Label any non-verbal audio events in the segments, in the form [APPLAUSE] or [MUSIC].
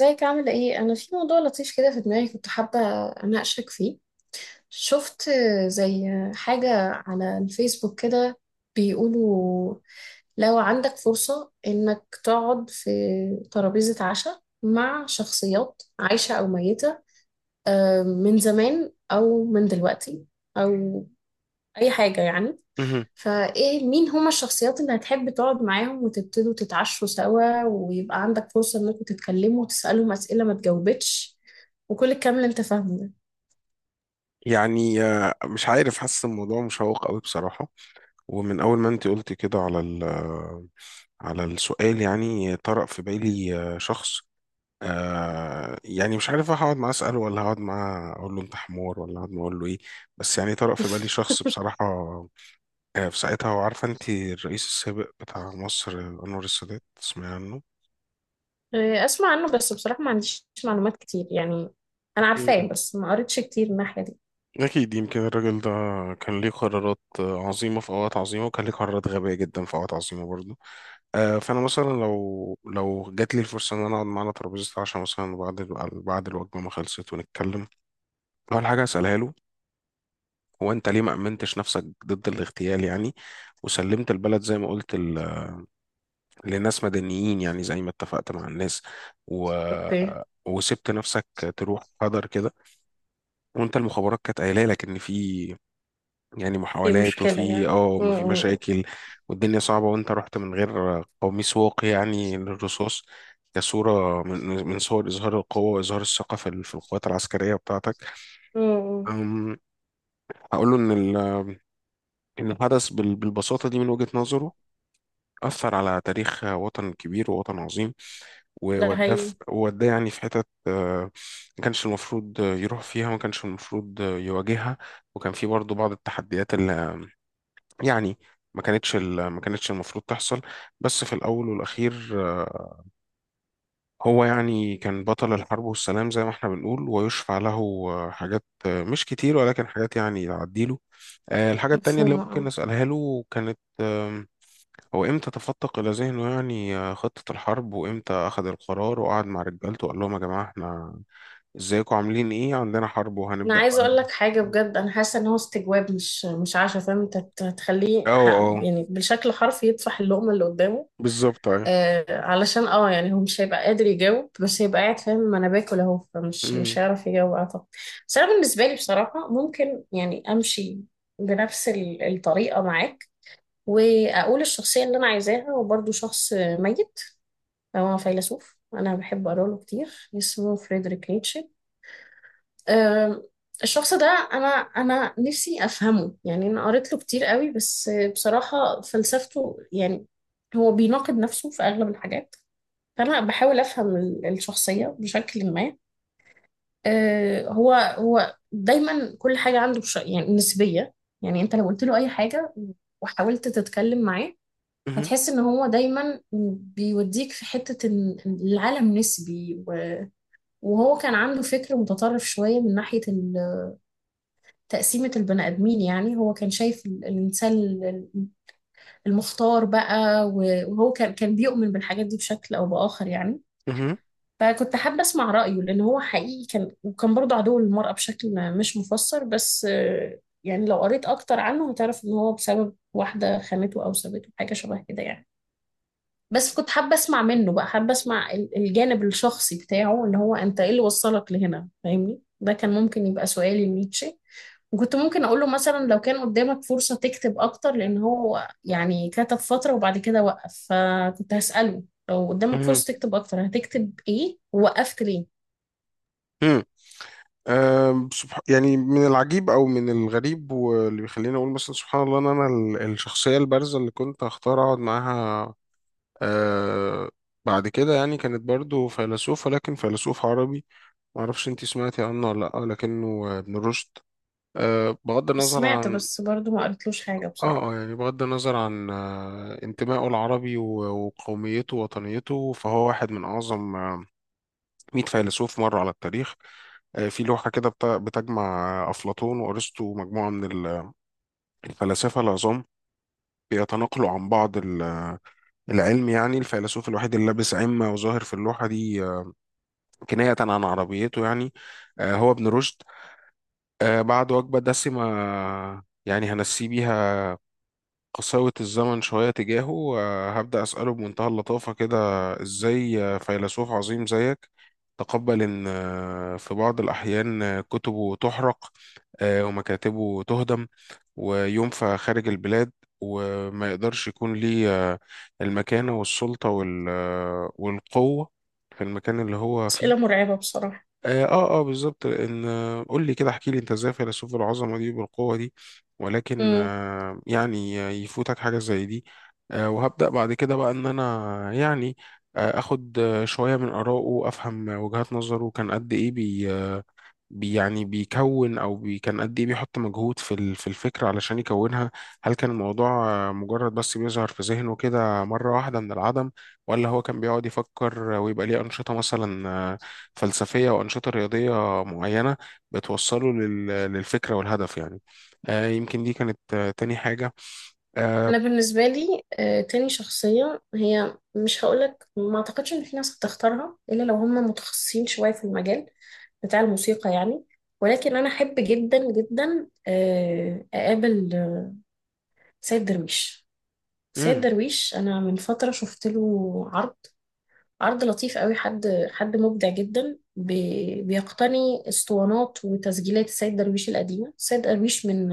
ازيك عاملة ايه؟ أنا في موضوع لطيف كده في دماغي كنت حابة أناقشك فيه. شفت زي حاجة على الفيسبوك كده بيقولوا لو عندك فرصة إنك تقعد في ترابيزة عشاء مع شخصيات عايشة أو ميتة، من زمان أو من دلوقتي أو أي حاجة يعني. مهم. فايه مين هما الشخصيات اللي هتحب تقعد معاهم وتبتدوا تتعشوا سوا ويبقى عندك فرصة انكم تتكلموا وتسألهم أسئلة ما تجاوبتش وكل الكلام اللي انت فاهمه ده؟ [LAUGHS] يعني مش عارف، حاسس الموضوع مشوق قوي بصراحة. ومن أول ما أنت قلت كده على ال آه، على السؤال، يعني طرأ في بالي شخص. يعني مش عارف هقعد معاه أسأله، ولا هقعد معاه أقول له أنت حمار، ولا هقعد معاه أقول له إيه. بس يعني طرأ في بالي شخص بصراحة في ساعتها، وعارفة أنت الرئيس السابق بتاع مصر أنور السادات، تسمعي عنه؟ إيه، اسمع عنه بس بصراحة ما عنديش معلومات كتير يعني. انا عارفاه مم. بس ما قريتش كتير من الناحية دي. أكيد يمكن الراجل ده كان ليه قرارات عظيمة في أوقات عظيمة، وكان ليه قرارات غبية جدا في أوقات عظيمة برضه. فانا مثلا لو جات لي الفرصه ان انا اقعد معانا ترابيزه عشاء، مثلا بعد بعد الوجبه ما خلصت ونتكلم، اول حاجه اسالها له: هو انت ليه ما امنتش نفسك ضد الاغتيال يعني؟ وسلمت البلد زي ما قلت لناس مدنيين، يعني زي ما اتفقت مع الناس، و... اوكي. وسبت نفسك تروح هدر كده، وانت المخابرات كانت قايله لك ان في يعني ايه محاولات، مشكلة وفي يعني ما في مشاكل، والدنيا صعبة، وانت رحت من غير قميص واقي يعني للرصاص، كصورة من صور إظهار القوة وإظهار الثقة في القوات العسكرية بتاعتك. م. أم، هقول له إن الحدث بالبساطة دي من وجهة نظره أثر على تاريخ وطن كبير ووطن عظيم، ده هي. ووداه يعني في حتت ما كانش المفروض يروح فيها، ما كانش المفروض يواجهها. وكان في برضه بعض التحديات يعني، ما كانتش المفروض تحصل. بس في الأول والأخير هو يعني كان بطل الحرب والسلام زي ما احنا بنقول، ويشفع له حاجات مش كتير، ولكن حاجات يعني تعديله. الحاجة التانية اللي مفهومة ممكن اه. أسألها له كانت هو إمتى تفتق إلى ذهنه يعني خطة الحرب، وإمتى أخذ القرار وقعد مع رجالته وقال لهم: يا جماعة احنا ازيكم، عاملين إيه، عندنا حرب انا وهنبدأ عايزة بقى. اقول لك حاجة بجد، انا حاسة ان هو استجواب مش عشا، فاهم؟ انت اه تخليه اه، يعني بالشكل حرفي يطفح اللقمة اللي قدامه. بالظبط، ايوه. آه، علشان اه يعني هو مش هيبقى قادر يجاوب، بس هيبقى قاعد فاهم ما انا باكل اهو، فمش مش مم. هيعرف يجاوب اعتقد. بس انا بالنسبه لي بصراحه ممكن يعني امشي بنفس الطريقه معاك واقول الشخصيه اللي انا عايزاها، وبرضه شخص ميت. هو فيلسوف انا بحب اقرا له كتير، اسمه فريدريك نيتشه. آه، الشخص ده انا نفسي افهمه يعني. انا قريت له كتير قوي بس بصراحه فلسفته يعني هو بيناقض نفسه في اغلب الحاجات. فأنا بحاول أفهم الشخصية بشكل ما. آه، هو دايما كل حاجة عنده يعني نسبية. يعني أنت لو قلت له أي حاجة وحاولت تتكلم معاه مهم. هتحس إن هو دايما بيوديك في حتة إن العالم نسبي، و... وهو كان عنده فكر متطرف شوية من ناحية تقسيمة البني آدمين. يعني هو كان شايف المختار بقى، وهو كان بيؤمن بالحاجات دي بشكل أو بآخر يعني. مهم. فكنت حابة أسمع رأيه لأن هو حقيقي كان، وكان برضه عدو للمرأة بشكل مش مفسر، بس آه، يعني لو قريت أكتر عنه هتعرف إن هو بسبب واحدة خانته أو سابته حاجة شبه كده يعني. بس كنت حابة أسمع منه بقى، حابة أسمع الجانب الشخصي بتاعه، اللي هو أنت إيه اللي وصلك لهنا، فاهمني؟ ده كان ممكن يبقى سؤالي لنيتشه. وكنت ممكن أقول له مثلا لو كان قدامك فرصة تكتب أكتر، لأن هو يعني كتب فترة وبعد كده وقف، فكنت هسأله لو قدامك مهم. فرصة تكتب أكتر هتكتب إيه، ووقفت ليه؟ مهم. يعني من العجيب او من الغريب، واللي بيخليني اقول مثلا سبحان الله، ان انا الشخصيه البارزه اللي كنت هختار اقعد معاها أه، بعد كده يعني كانت برضو فيلسوف، ولكن فيلسوف عربي، ما اعرفش انتي سمعتي عنه ولا لا، لكنه ابن رشد. أه، بغض النظر سمعت عن بس برضو ما قريتلوش حاجة بصراحة. بغض النظر عن انتمائه العربي وقوميته ووطنيته، فهو واحد من اعظم 100 فيلسوف مروا على التاريخ. في لوحة كده بتجمع أفلاطون وأرسطو، مجموعة من الفلاسفة العظام بيتناقلوا عن بعض العلم، يعني الفيلسوف الوحيد اللي لابس عمة وظاهر في اللوحة دي كناية عن عربيته يعني هو ابن رشد. بعد وجبة دسمة يعني هنسي بيها قساوة الزمن شوية تجاهه، وهبدأ أسأله بمنتهى اللطافة كده: إزاي فيلسوف عظيم زيك تقبل إن في بعض الأحيان كتبه تحرق، ومكاتبه تهدم، وينفى خارج البلاد، وما يقدرش يكون ليه المكانة والسلطة والقوة في المكان اللي هو فيه؟ أسئلة مرعبة بصراحة. اه اه، بالظبط. ان قول لي كده، احكي لي انت ازاي فيلسوف العظمه دي بالقوه دي، ولكن امم. يعني يفوتك حاجه زي دي. وهبدا بعد كده بقى ان انا يعني اخد شويه من اراءه وافهم وجهات نظره. كان قد ايه بي آه، بي- يعني بيكون او بي كان قد ايه بيحط مجهود في الفكره علشان يكونها؟ هل كان الموضوع مجرد بس بيظهر في ذهنه كده مره واحده من العدم، ولا هو كان بيقعد يفكر ويبقى ليه انشطه مثلا فلسفيه وانشطه رياضيه معينه بتوصله للفكره والهدف يعني؟ يمكن دي كانت تاني حاجه. آه، أنا بالنسبة لي آه، تاني شخصية هي، مش هقولك، ما أعتقدش إن في ناس هتختارها إلا لو هم متخصصين شوية في المجال بتاع الموسيقى يعني. ولكن أنا أحب جدا جدا آه، أقابل سيد درويش. سيد مم، درويش أنا من فترة شفت له عرض، عرض لطيف قوي، حد مبدع جدا بيقتني اسطوانات وتسجيلات السيد درويش القديمة. السيد درويش من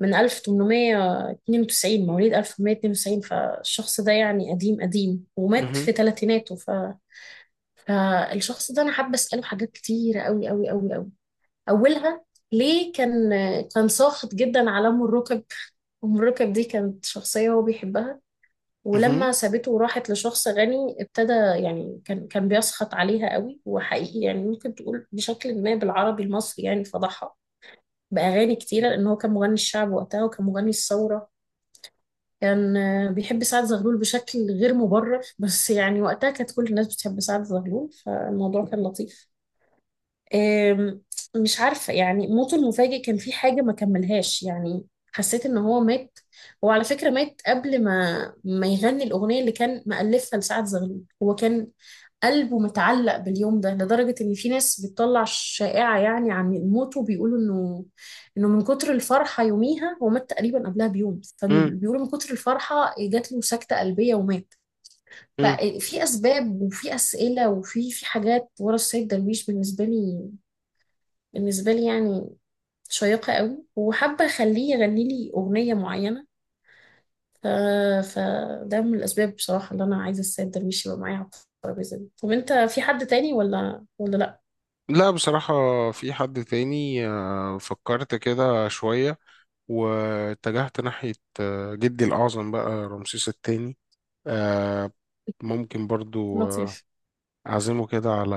من 1892، مواليد 1892، فالشخص ده يعني قديم قديم ومات مهم، في ثلاثيناته. ف... فالشخص ده انا حابة اسأله حاجات كتيرة قوي قوي قوي قوي. اولها ليه كان ساخط جدا على ام الركب. ام الركب دي كانت شخصية هو بيحبها، مهم، ولما سابته وراحت لشخص غني ابتدى يعني كان بيسخط عليها قوي، وحقيقي يعني ممكن تقول بشكل ما بالعربي المصري يعني فضحها بأغاني كتيرة، لأن هو كان مغني الشعب وقتها وكان مغني الثورة. كان آه، بيحب سعد زغلول بشكل غير مبرر، بس يعني وقتها كانت كل الناس بتحب سعد زغلول فالموضوع كان لطيف. آم، مش عارفة يعني موته المفاجئ كان في حاجة ما كملهاش يعني. حسيت ان هو مات، هو على فكرة مات قبل ما يغني الأغنية اللي كان مألفها لسعد زغلول. هو كان قلبه متعلق باليوم ده لدرجة ان في ناس بتطلع شائعة يعني عن موته، بيقولوا انه من كتر الفرحة يوميها هو مات تقريبا قبلها بيوم، مم، فبيقولوا من كتر الفرحة جات له سكتة قلبية ومات. مم. ففي أسباب وفي أسئلة وفي حاجات ورا السيد درويش بالنسبة لي، بالنسبة لي يعني شيقة قوي. وحابة أخليه يغني لي أغنية معينة. ف... فده من الأسباب بصراحة اللي أنا عايزة السيد درويش يبقى معايا على الترابيزة دي. طب أنت في حد تاني ولا لأ؟ لا بصراحة، في حد تاني فكرت كده شوية واتجهت ناحية جدي الأعظم بقى رمسيس الثاني. آه، ممكن برضو لطيف. أعزمه كده على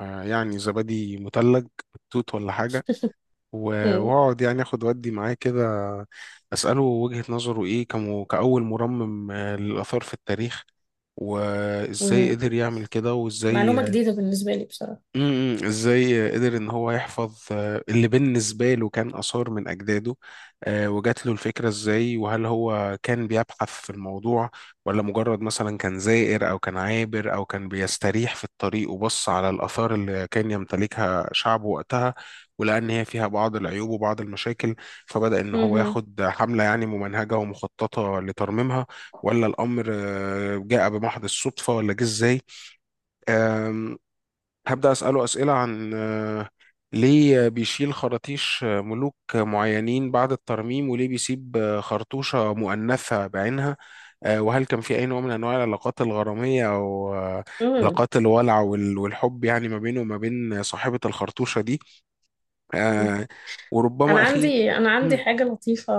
يعني زبادي مثلج توت ولا حاجة، [LAUGHS] مم. وأقعد يعني أخد ودي معاه كده، أسأله وجهة نظره إيه كأول مرمم للآثار في التاريخ، وإزاي مم. قدر يعمل كده معلومة وإزاي. جديدة بالنسبة لي بصراحة. ازاي قدر ان هو يحفظ اللي بالنسبه له كان اثار من اجداده، وجات له الفكره ازاي؟ وهل هو كان بيبحث في الموضوع، ولا مجرد مثلا كان زائر او كان عابر او كان بيستريح في الطريق وبص على الاثار اللي كان يمتلكها شعبه وقتها، ولقى ان هي فيها بعض العيوب وبعض المشاكل، فبدأ ان هو مهم. ياخد حمله يعني ممنهجه ومخططه لترميمها؟ ولا الامر جاء بمحض الصدفه؟ ولا جه ازاي؟ هبدأ أسأله أسئلة عن ليه بيشيل خراطيش ملوك معينين بعد الترميم، وليه بيسيب خرطوشة مؤنثة بعينها. وهل كان في أي نوع من أنواع العلاقات الغرامية أو مم. علاقات الولع والحب يعني ما بينه وما بين صاحبة الخرطوشة دي؟ مم. آه، وربما أخير. أنا عندي مم، حاجة لطيفة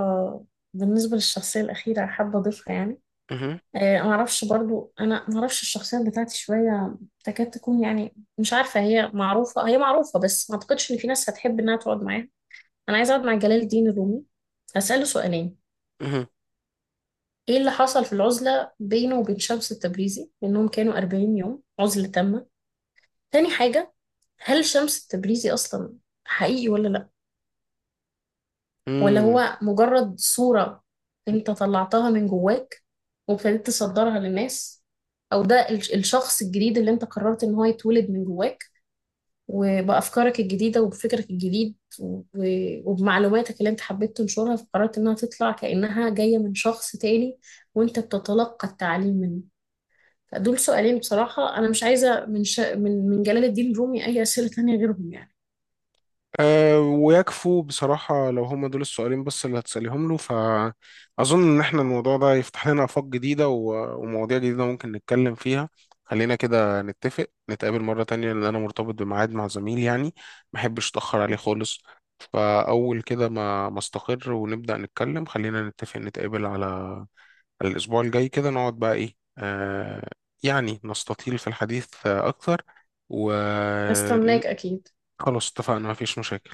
بالنسبة للشخصية الأخيرة حابة أضيفها يعني. مهم، آه، معرفش برضو، انا معرفش الشخصيات بتاعتي شويه تكاد تكون يعني مش عارفه، هي معروفه، هي معروفه بس ما اعتقدش ان في ناس هتحب انها تقعد معاها. انا عايزه اقعد مع جلال الدين الرومي. هساله سؤالين: مهم، ايه اللي حصل في العزله بينه وبين شمس التبريزي، لانهم كانوا 40 يوم عزله تامه. تاني حاجه، هل شمس التبريزي اصلا حقيقي ولا لا؟ ولا مم. هو مجرد صورة انت طلعتها من جواك وابتديت تصدرها للناس؟ او ده الشخص الجديد اللي انت قررت ان هو يتولد من جواك، وبأفكارك الجديدة وبفكرك الجديد، وبمعلوماتك اللي انت حبيت تنشرها، فقررت انها تطلع كأنها جاية من شخص تاني وانت بتتلقى التعليم منه. فدول سؤالين بصراحة، انا مش عايزة من من جلال الدين الرومي اي أسئلة تانية غيرهم يعني. أه، ويكفوا بصراحة، لو هما دول السؤالين بس اللي هتسأليهم له، فأظن إن إحنا الموضوع ده يفتح لنا آفاق جديدة ومواضيع جديدة ممكن نتكلم فيها. خلينا كده نتفق نتقابل مرة تانية، لأن أنا مرتبط بميعاد مع زميل يعني، محبش أتأخر عليه خالص. فأول كده ما استقر ونبدأ نتكلم، خلينا نتفق نتقابل على الأسبوع الجاي، كده نقعد بقى إيه، أه، يعني نستطيل في الحديث أكتر، وخلاص استناك اكيد. اتفقنا مفيش مشاكل.